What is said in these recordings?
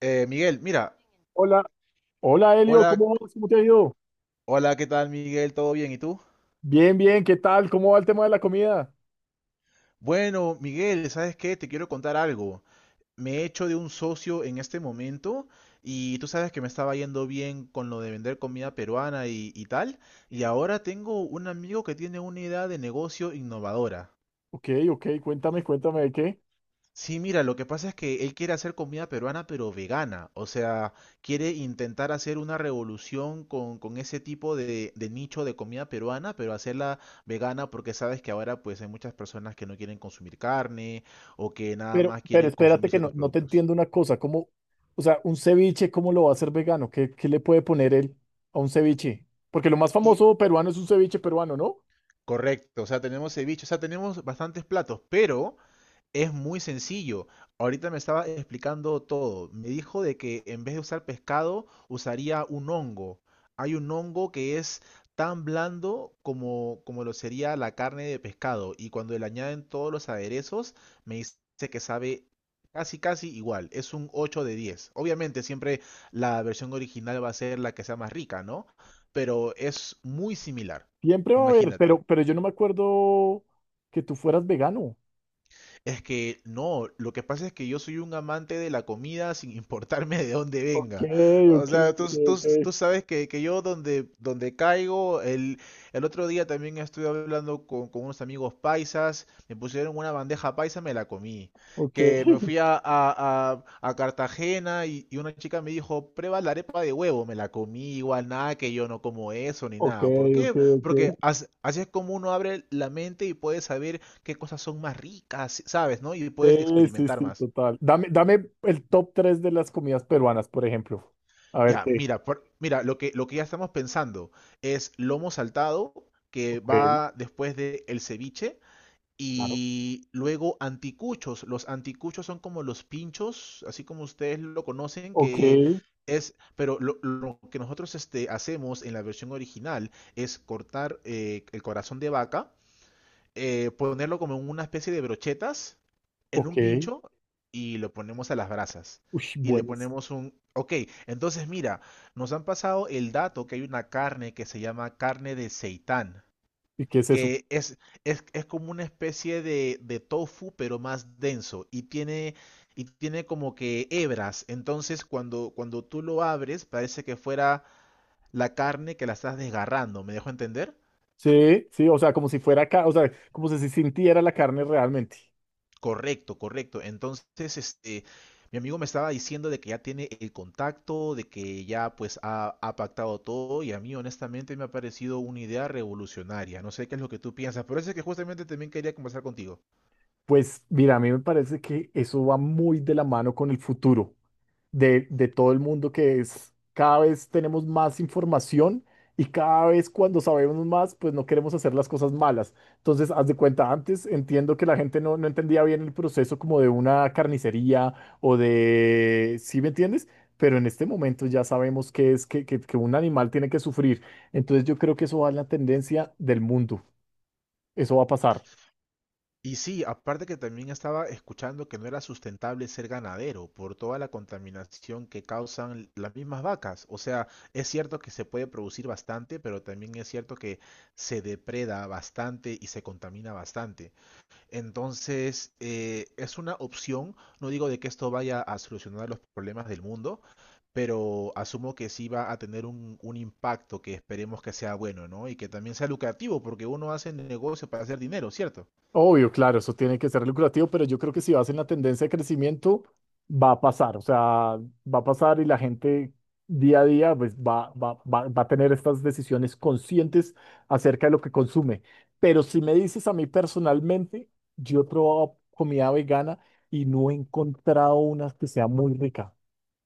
Mira, Hola, hola Elio, hola, ¿cómo vas? ¿Cómo te ha ido? hola, ¿qué tal, Miguel? ¿Todo bien? ¿Y tú? Bien, bien, ¿qué tal? ¿Cómo va el tema de la comida? Bueno, Miguel, ¿sabes qué? Te quiero contar algo. Me he hecho de un socio en este momento y tú sabes que me estaba yendo bien con lo de vender comida peruana y tal. Y ahora tengo un amigo que tiene una idea de negocio innovadora. Ok, ok, cuéntame, cuéntame de qué. Sí, mira, lo que pasa es que él quiere hacer comida peruana, pero vegana. O sea, quiere intentar hacer una revolución con ese tipo de nicho de comida peruana, pero hacerla vegana porque sabes que ahora pues hay muchas personas que no quieren consumir carne o que nada más Pero quieren espérate consumir que no, ciertos no te productos. entiendo una cosa, ¿cómo, o sea, un ceviche? ¿Cómo lo va a hacer vegano? ¿Qué, qué le puede poner él a un ceviche? Porque lo más Y famoso peruano es un ceviche peruano, ¿no? correcto, o sea, tenemos ceviche, o sea, tenemos bastantes platos, pero es muy sencillo. Ahorita me estaba explicando todo. Me dijo de que en vez de usar pescado, usaría un hongo. Hay un hongo que es tan blando como lo sería la carne de pescado. Y cuando le añaden todos los aderezos, me dice que sabe casi, casi igual. Es un 8 de 10. Obviamente, siempre la versión original va a ser la que sea más rica, ¿no? Pero es muy similar. Siempre va a haber, Imagínate. Pero yo no me acuerdo que tú fueras vegano. Es que no, lo que pasa es que yo soy un amante de la comida sin importarme de dónde Ok, venga. O ok, sea, tú, ok, tú, ok, tú sabes que yo donde caigo, el otro día también estuve hablando con unos amigos paisas, me pusieron una bandeja paisa, me la comí. ok, Que me fui a, a Cartagena y una chica me dijo, prueba la arepa de huevo, me la comí igual, nada que yo no como eso ni ok, nada. ¿Por ok, qué? ok. Porque así es como uno abre la mente y puede saber qué cosas son más ricas, ¿sabes? ¿No? Y puedes Sí, sí, experimentar sí, más. total. Dame, dame el top 3 de las comidas peruanas, por ejemplo. A ver Ya, qué. mira, mira, lo que ya estamos pensando es lomo saltado, que Ok, va después de el ceviche, claro. y luego anticuchos. Los anticuchos son como los pinchos, así como ustedes lo conocen, Ok, que es, pero lo que nosotros este, hacemos en la versión original es cortar el corazón de vaca, ponerlo como en una especie de brochetas, en un ok. pincho, y lo ponemos a las brasas. Uy, Y le buenas. ponemos un... Ok, entonces mira, nos han pasado el dato que hay una carne que se llama carne de seitán, ¿Y qué es eso? que es, es como una especie de tofu, pero más denso, y tiene como que hebras. Entonces cuando tú lo abres, parece que fuera la carne que la estás desgarrando, ¿me dejo entender? Sí, sí, o sea, como si fuera acá, o sea, como si se sintiera la carne realmente. Correcto, correcto. Entonces, este, mi amigo me estaba diciendo de que ya tiene el contacto, de que ya pues ha pactado todo y a mí honestamente me ha parecido una idea revolucionario. No sé qué es lo que tú piensas, pero eso es que justamente también quería conversar contigo. Pues mira, a mí me parece que eso va muy de la mano con el futuro de todo el mundo, que es, cada vez tenemos más información y cada vez cuando sabemos más, pues no queremos hacer las cosas malas. Entonces, haz de cuenta, antes entiendo que la gente no, no entendía bien el proceso como de una carnicería o de, ¿sí me entiendes? Pero en este momento ya sabemos que es que, que un animal tiene que sufrir. Entonces yo creo que eso va en la tendencia del mundo. Eso va a pasar. Y sí, aparte que también estaba escuchando que no era sustentable ser ganadero por toda la contaminación que causan las mismas vacas. O sea, es cierto que se puede producir bastante, pero también es cierto que se depreda bastante y se contamina bastante. Entonces, es una opción. No digo de que esto vaya a solucionar los problemas del mundo, pero asumo que sí va a tener un impacto que esperemos que sea bueno, ¿no? Y que también sea lucrativo, porque uno hace negocio para hacer dinero, ¿cierto? Obvio, claro, eso tiene que ser lucrativo, pero yo creo que si vas en la tendencia de crecimiento, va a pasar, o sea, va a pasar y la gente día a día pues, va, va, va, va a tener estas decisiones conscientes acerca de lo que consume. Pero si me dices a mí personalmente, yo he probado comida vegana y no he encontrado una que sea muy rica.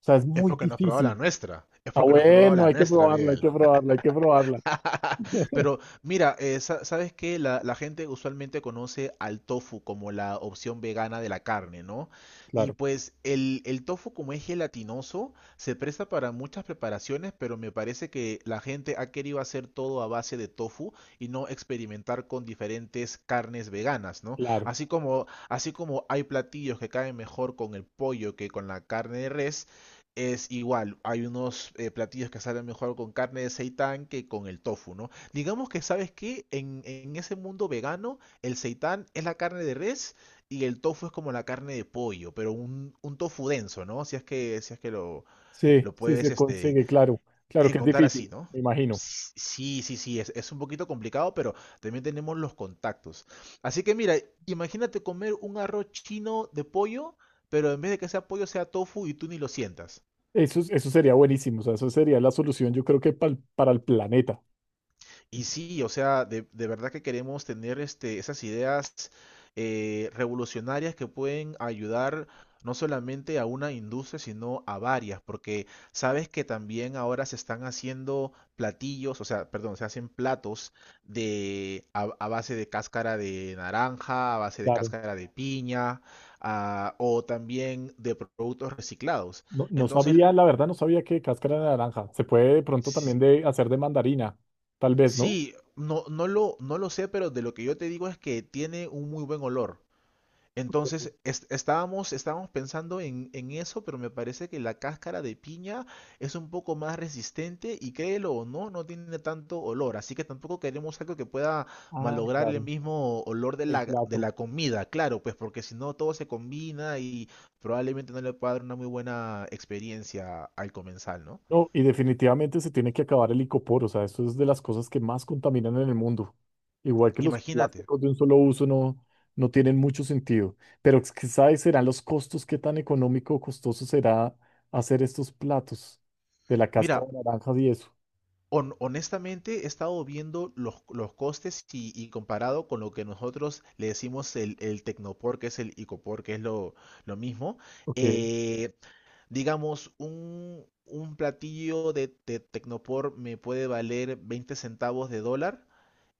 O sea, es Es muy porque no has probado la difícil. nuestra. Es Ah, porque no has probado bueno, la hay que nuestra, probarla, hay Miguel. que probarla, hay que probarla. Pero mira, sabes que la gente usualmente conoce al tofu como la opción vegana de la carne, ¿no? Y Claro, pues el tofu como es gelatinoso, se presta para muchas preparaciones, pero me parece que la gente ha querido hacer todo a base de tofu y no experimentar con diferentes carnes veganas, ¿no? claro. Así como hay platillos que caen mejor con el pollo que con la carne de res, es igual. Hay unos platillos que salen mejor con carne de seitán que con el tofu, ¿no? Digamos que, ¿sabes qué? En ese mundo vegano, el seitán es la carne de res y el tofu es como la carne de pollo, pero un tofu denso, ¿no? Si es que Sí, lo sí puedes se este, consigue, claro. Claro que es encontrar así, difícil, ¿no? me imagino. Sí, sí, sí, es un poquito complicado, pero también tenemos los contactos. Así que mira, imagínate comer un arroz chino de pollo, pero en vez de que sea pollo sea tofu y tú ni lo sientas. Eso, eso sería buenísimo, o sea, eso sería la solución, yo creo que para el planeta. Y sí, o sea, de verdad que queremos tener este, esas ideas revolucionarias que pueden ayudar no solamente a una industria, sino a varias, porque sabes que también ahora se están haciendo platillos, o sea, perdón, se hacen platos de a base de cáscara de naranja, a base de Claro. cáscara de piña, ah, o también de productos reciclados. No, no Entonces, sabía, la verdad, no sabía que cáscara de naranja. Se puede de pronto también de hacer de mandarina, tal vez, ¿no? sí, no, no lo sé, pero de lo que yo te digo es que tiene un muy buen olor. Entonces, estábamos pensando en eso, pero me parece que la cáscara de piña es un poco más resistente y créelo o no, no tiene tanto olor. Así que tampoco queremos algo que pueda Ah, malograr el claro, mismo olor de el de plato. la comida, claro, pues porque si no todo se combina y probablemente no le pueda dar una muy buena experiencia al comensal, ¿no? No, y definitivamente se tiene que acabar el icopor, o sea, eso es de las cosas que más contaminan en el mundo. Igual que los Imagínate. plásticos de un solo uso no, no tienen mucho sentido, pero es que, ¿sabes? Serán los costos, qué tan económico o costoso será hacer estos platos de la cáscara Mira, de naranjas y eso. Honestamente, he estado viendo los costes y comparado con lo que nosotros le decimos el Tecnopor, que es el Icopor, que es lo mismo. Ok, Eh, digamos, un platillo de Tecnopor me puede valer 20 centavos de dólar,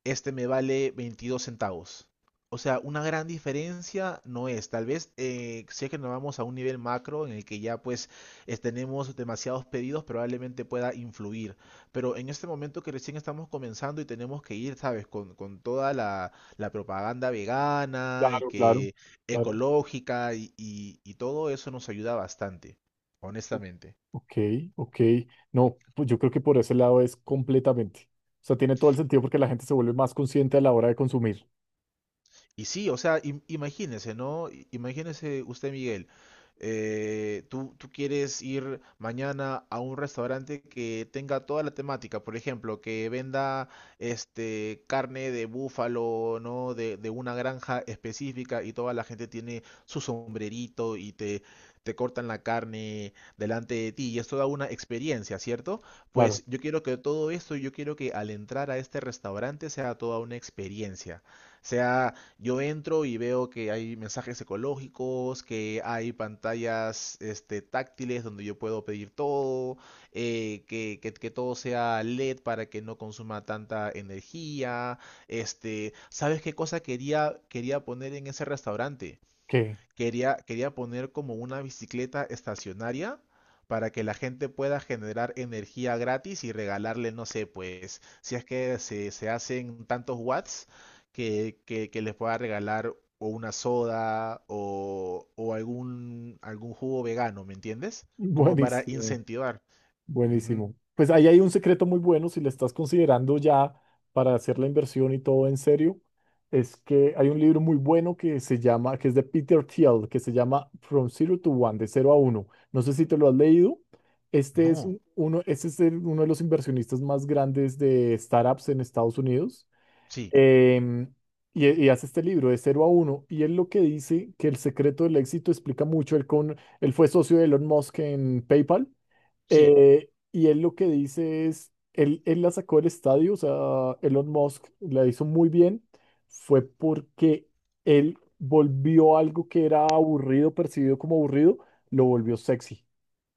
este me vale 22 centavos. O sea, una gran diferencia no es. Tal vez, si es que nos vamos a un nivel macro en el que ya pues tenemos demasiados pedidos, probablemente pueda influir. Pero en este momento que recién estamos comenzando y tenemos que ir, ¿sabes? Con toda la propaganda vegana y claro, claro, que claro. ecológica y todo eso nos ayuda bastante, honestamente. Ok, ok. No, pues yo creo que por ese lado es completamente. O sea, tiene todo el sentido porque la gente se vuelve más consciente a la hora de consumir. Y sí, o sea, imagínese, ¿no? Imagínese usted, Miguel, tú quieres ir mañana a un restaurante que tenga toda la temática, por ejemplo, que venda este carne de búfalo, ¿no? De una granja específica y toda la gente tiene su sombrerito y te cortan la carne delante de ti y es toda una experiencia, ¿cierto? Claro, Pues yo quiero que todo esto, yo quiero que al entrar a este restaurante sea toda una experiencia, sea yo entro y veo que hay mensajes ecológicos, que hay pantallas este, táctiles donde yo puedo pedir todo, que todo sea LED para que no consuma tanta energía. Este, ¿sabes qué cosa quería poner en ese restaurante? ok. Quería poner como una bicicleta estacionaria para que la gente pueda generar energía gratis y regalarle, no sé, pues, si es que se hacen tantos watts, que les pueda regalar o una soda o algún, algún jugo vegano, ¿me entiendes? Como para Buenísimo. incentivar. Ujú. Buenísimo. Pues ahí hay un secreto muy bueno si le estás considerando ya para hacer la inversión y todo en serio. Es que hay un libro muy bueno que se llama, que es de Peter Thiel, que se llama From Zero to One, de cero a uno. No sé si te lo has leído. Este es No, este es uno de los inversionistas más grandes de startups en Estados Unidos. sí, Em, y, y hace este libro de cero a uno. Y él lo que dice que el secreto del éxito explica mucho. Él, con, él fue socio de Elon Musk en PayPal. sí, Y él lo que dice es, él la sacó del estadio, o sea, Elon Musk la hizo muy bien, fue porque él volvió algo que era aburrido, percibido como aburrido, lo volvió sexy,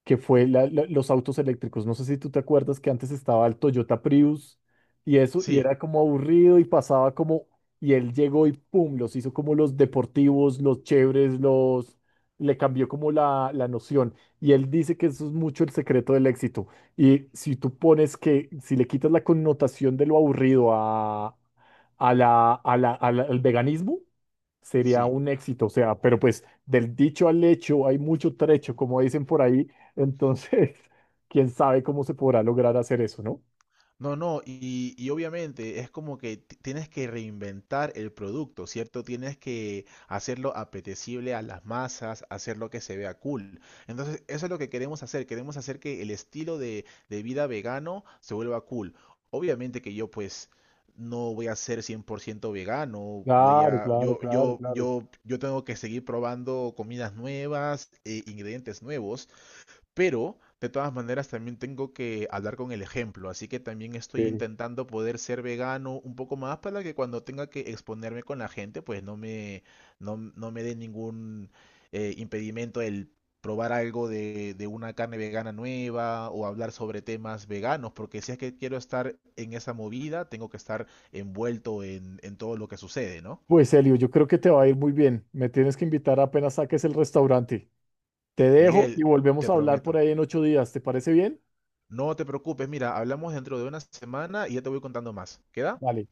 que fue los autos eléctricos. No sé si tú te acuerdas que antes estaba el Toyota Prius y eso, y sí, era como aburrido y pasaba como, y él llegó y pum, los hizo como los deportivos, los chéveres, los, le cambió como la noción. Y él dice que eso es mucho el secreto del éxito. Y si tú pones que, si le quitas la connotación de lo aburrido a la, al veganismo, sería sí. un éxito. O sea, pero pues del dicho al hecho hay mucho trecho, como dicen por ahí, entonces, quién sabe cómo se podrá lograr hacer eso, ¿no? No, no, y obviamente es como que tienes que reinventar el producto, ¿cierto? Tienes que hacerlo apetecible a las masas, hacerlo que se vea cool. Entonces, eso es lo que queremos hacer. Queremos hacer que el estilo de vida vegano se vuelva cool. Obviamente que yo pues no voy a ser 100 por ciento vegano, voy Claro, a, claro, claro, claro. Yo tengo que seguir probando comidas nuevas, ingredientes nuevos. Pero de todas maneras también tengo que hablar con el ejemplo, así que también estoy Sí. intentando poder ser vegano un poco más para que cuando tenga que exponerme con la gente, pues no me, no, no me dé ningún impedimento el probar algo de una carne vegana nueva o hablar sobre temas veganos, porque si es que quiero estar en esa movida, tengo que estar envuelto en todo lo que sucede, ¿no? Pues Elio, yo creo que te va a ir muy bien. Me tienes que invitar apenas saques el restaurante. Te dejo Miguel, y volvemos te a hablar por prometo. ahí en 8 días. ¿Te parece bien? No te preocupes, mira, hablamos dentro de una semana y ya te voy contando más. ¿Queda? Vale.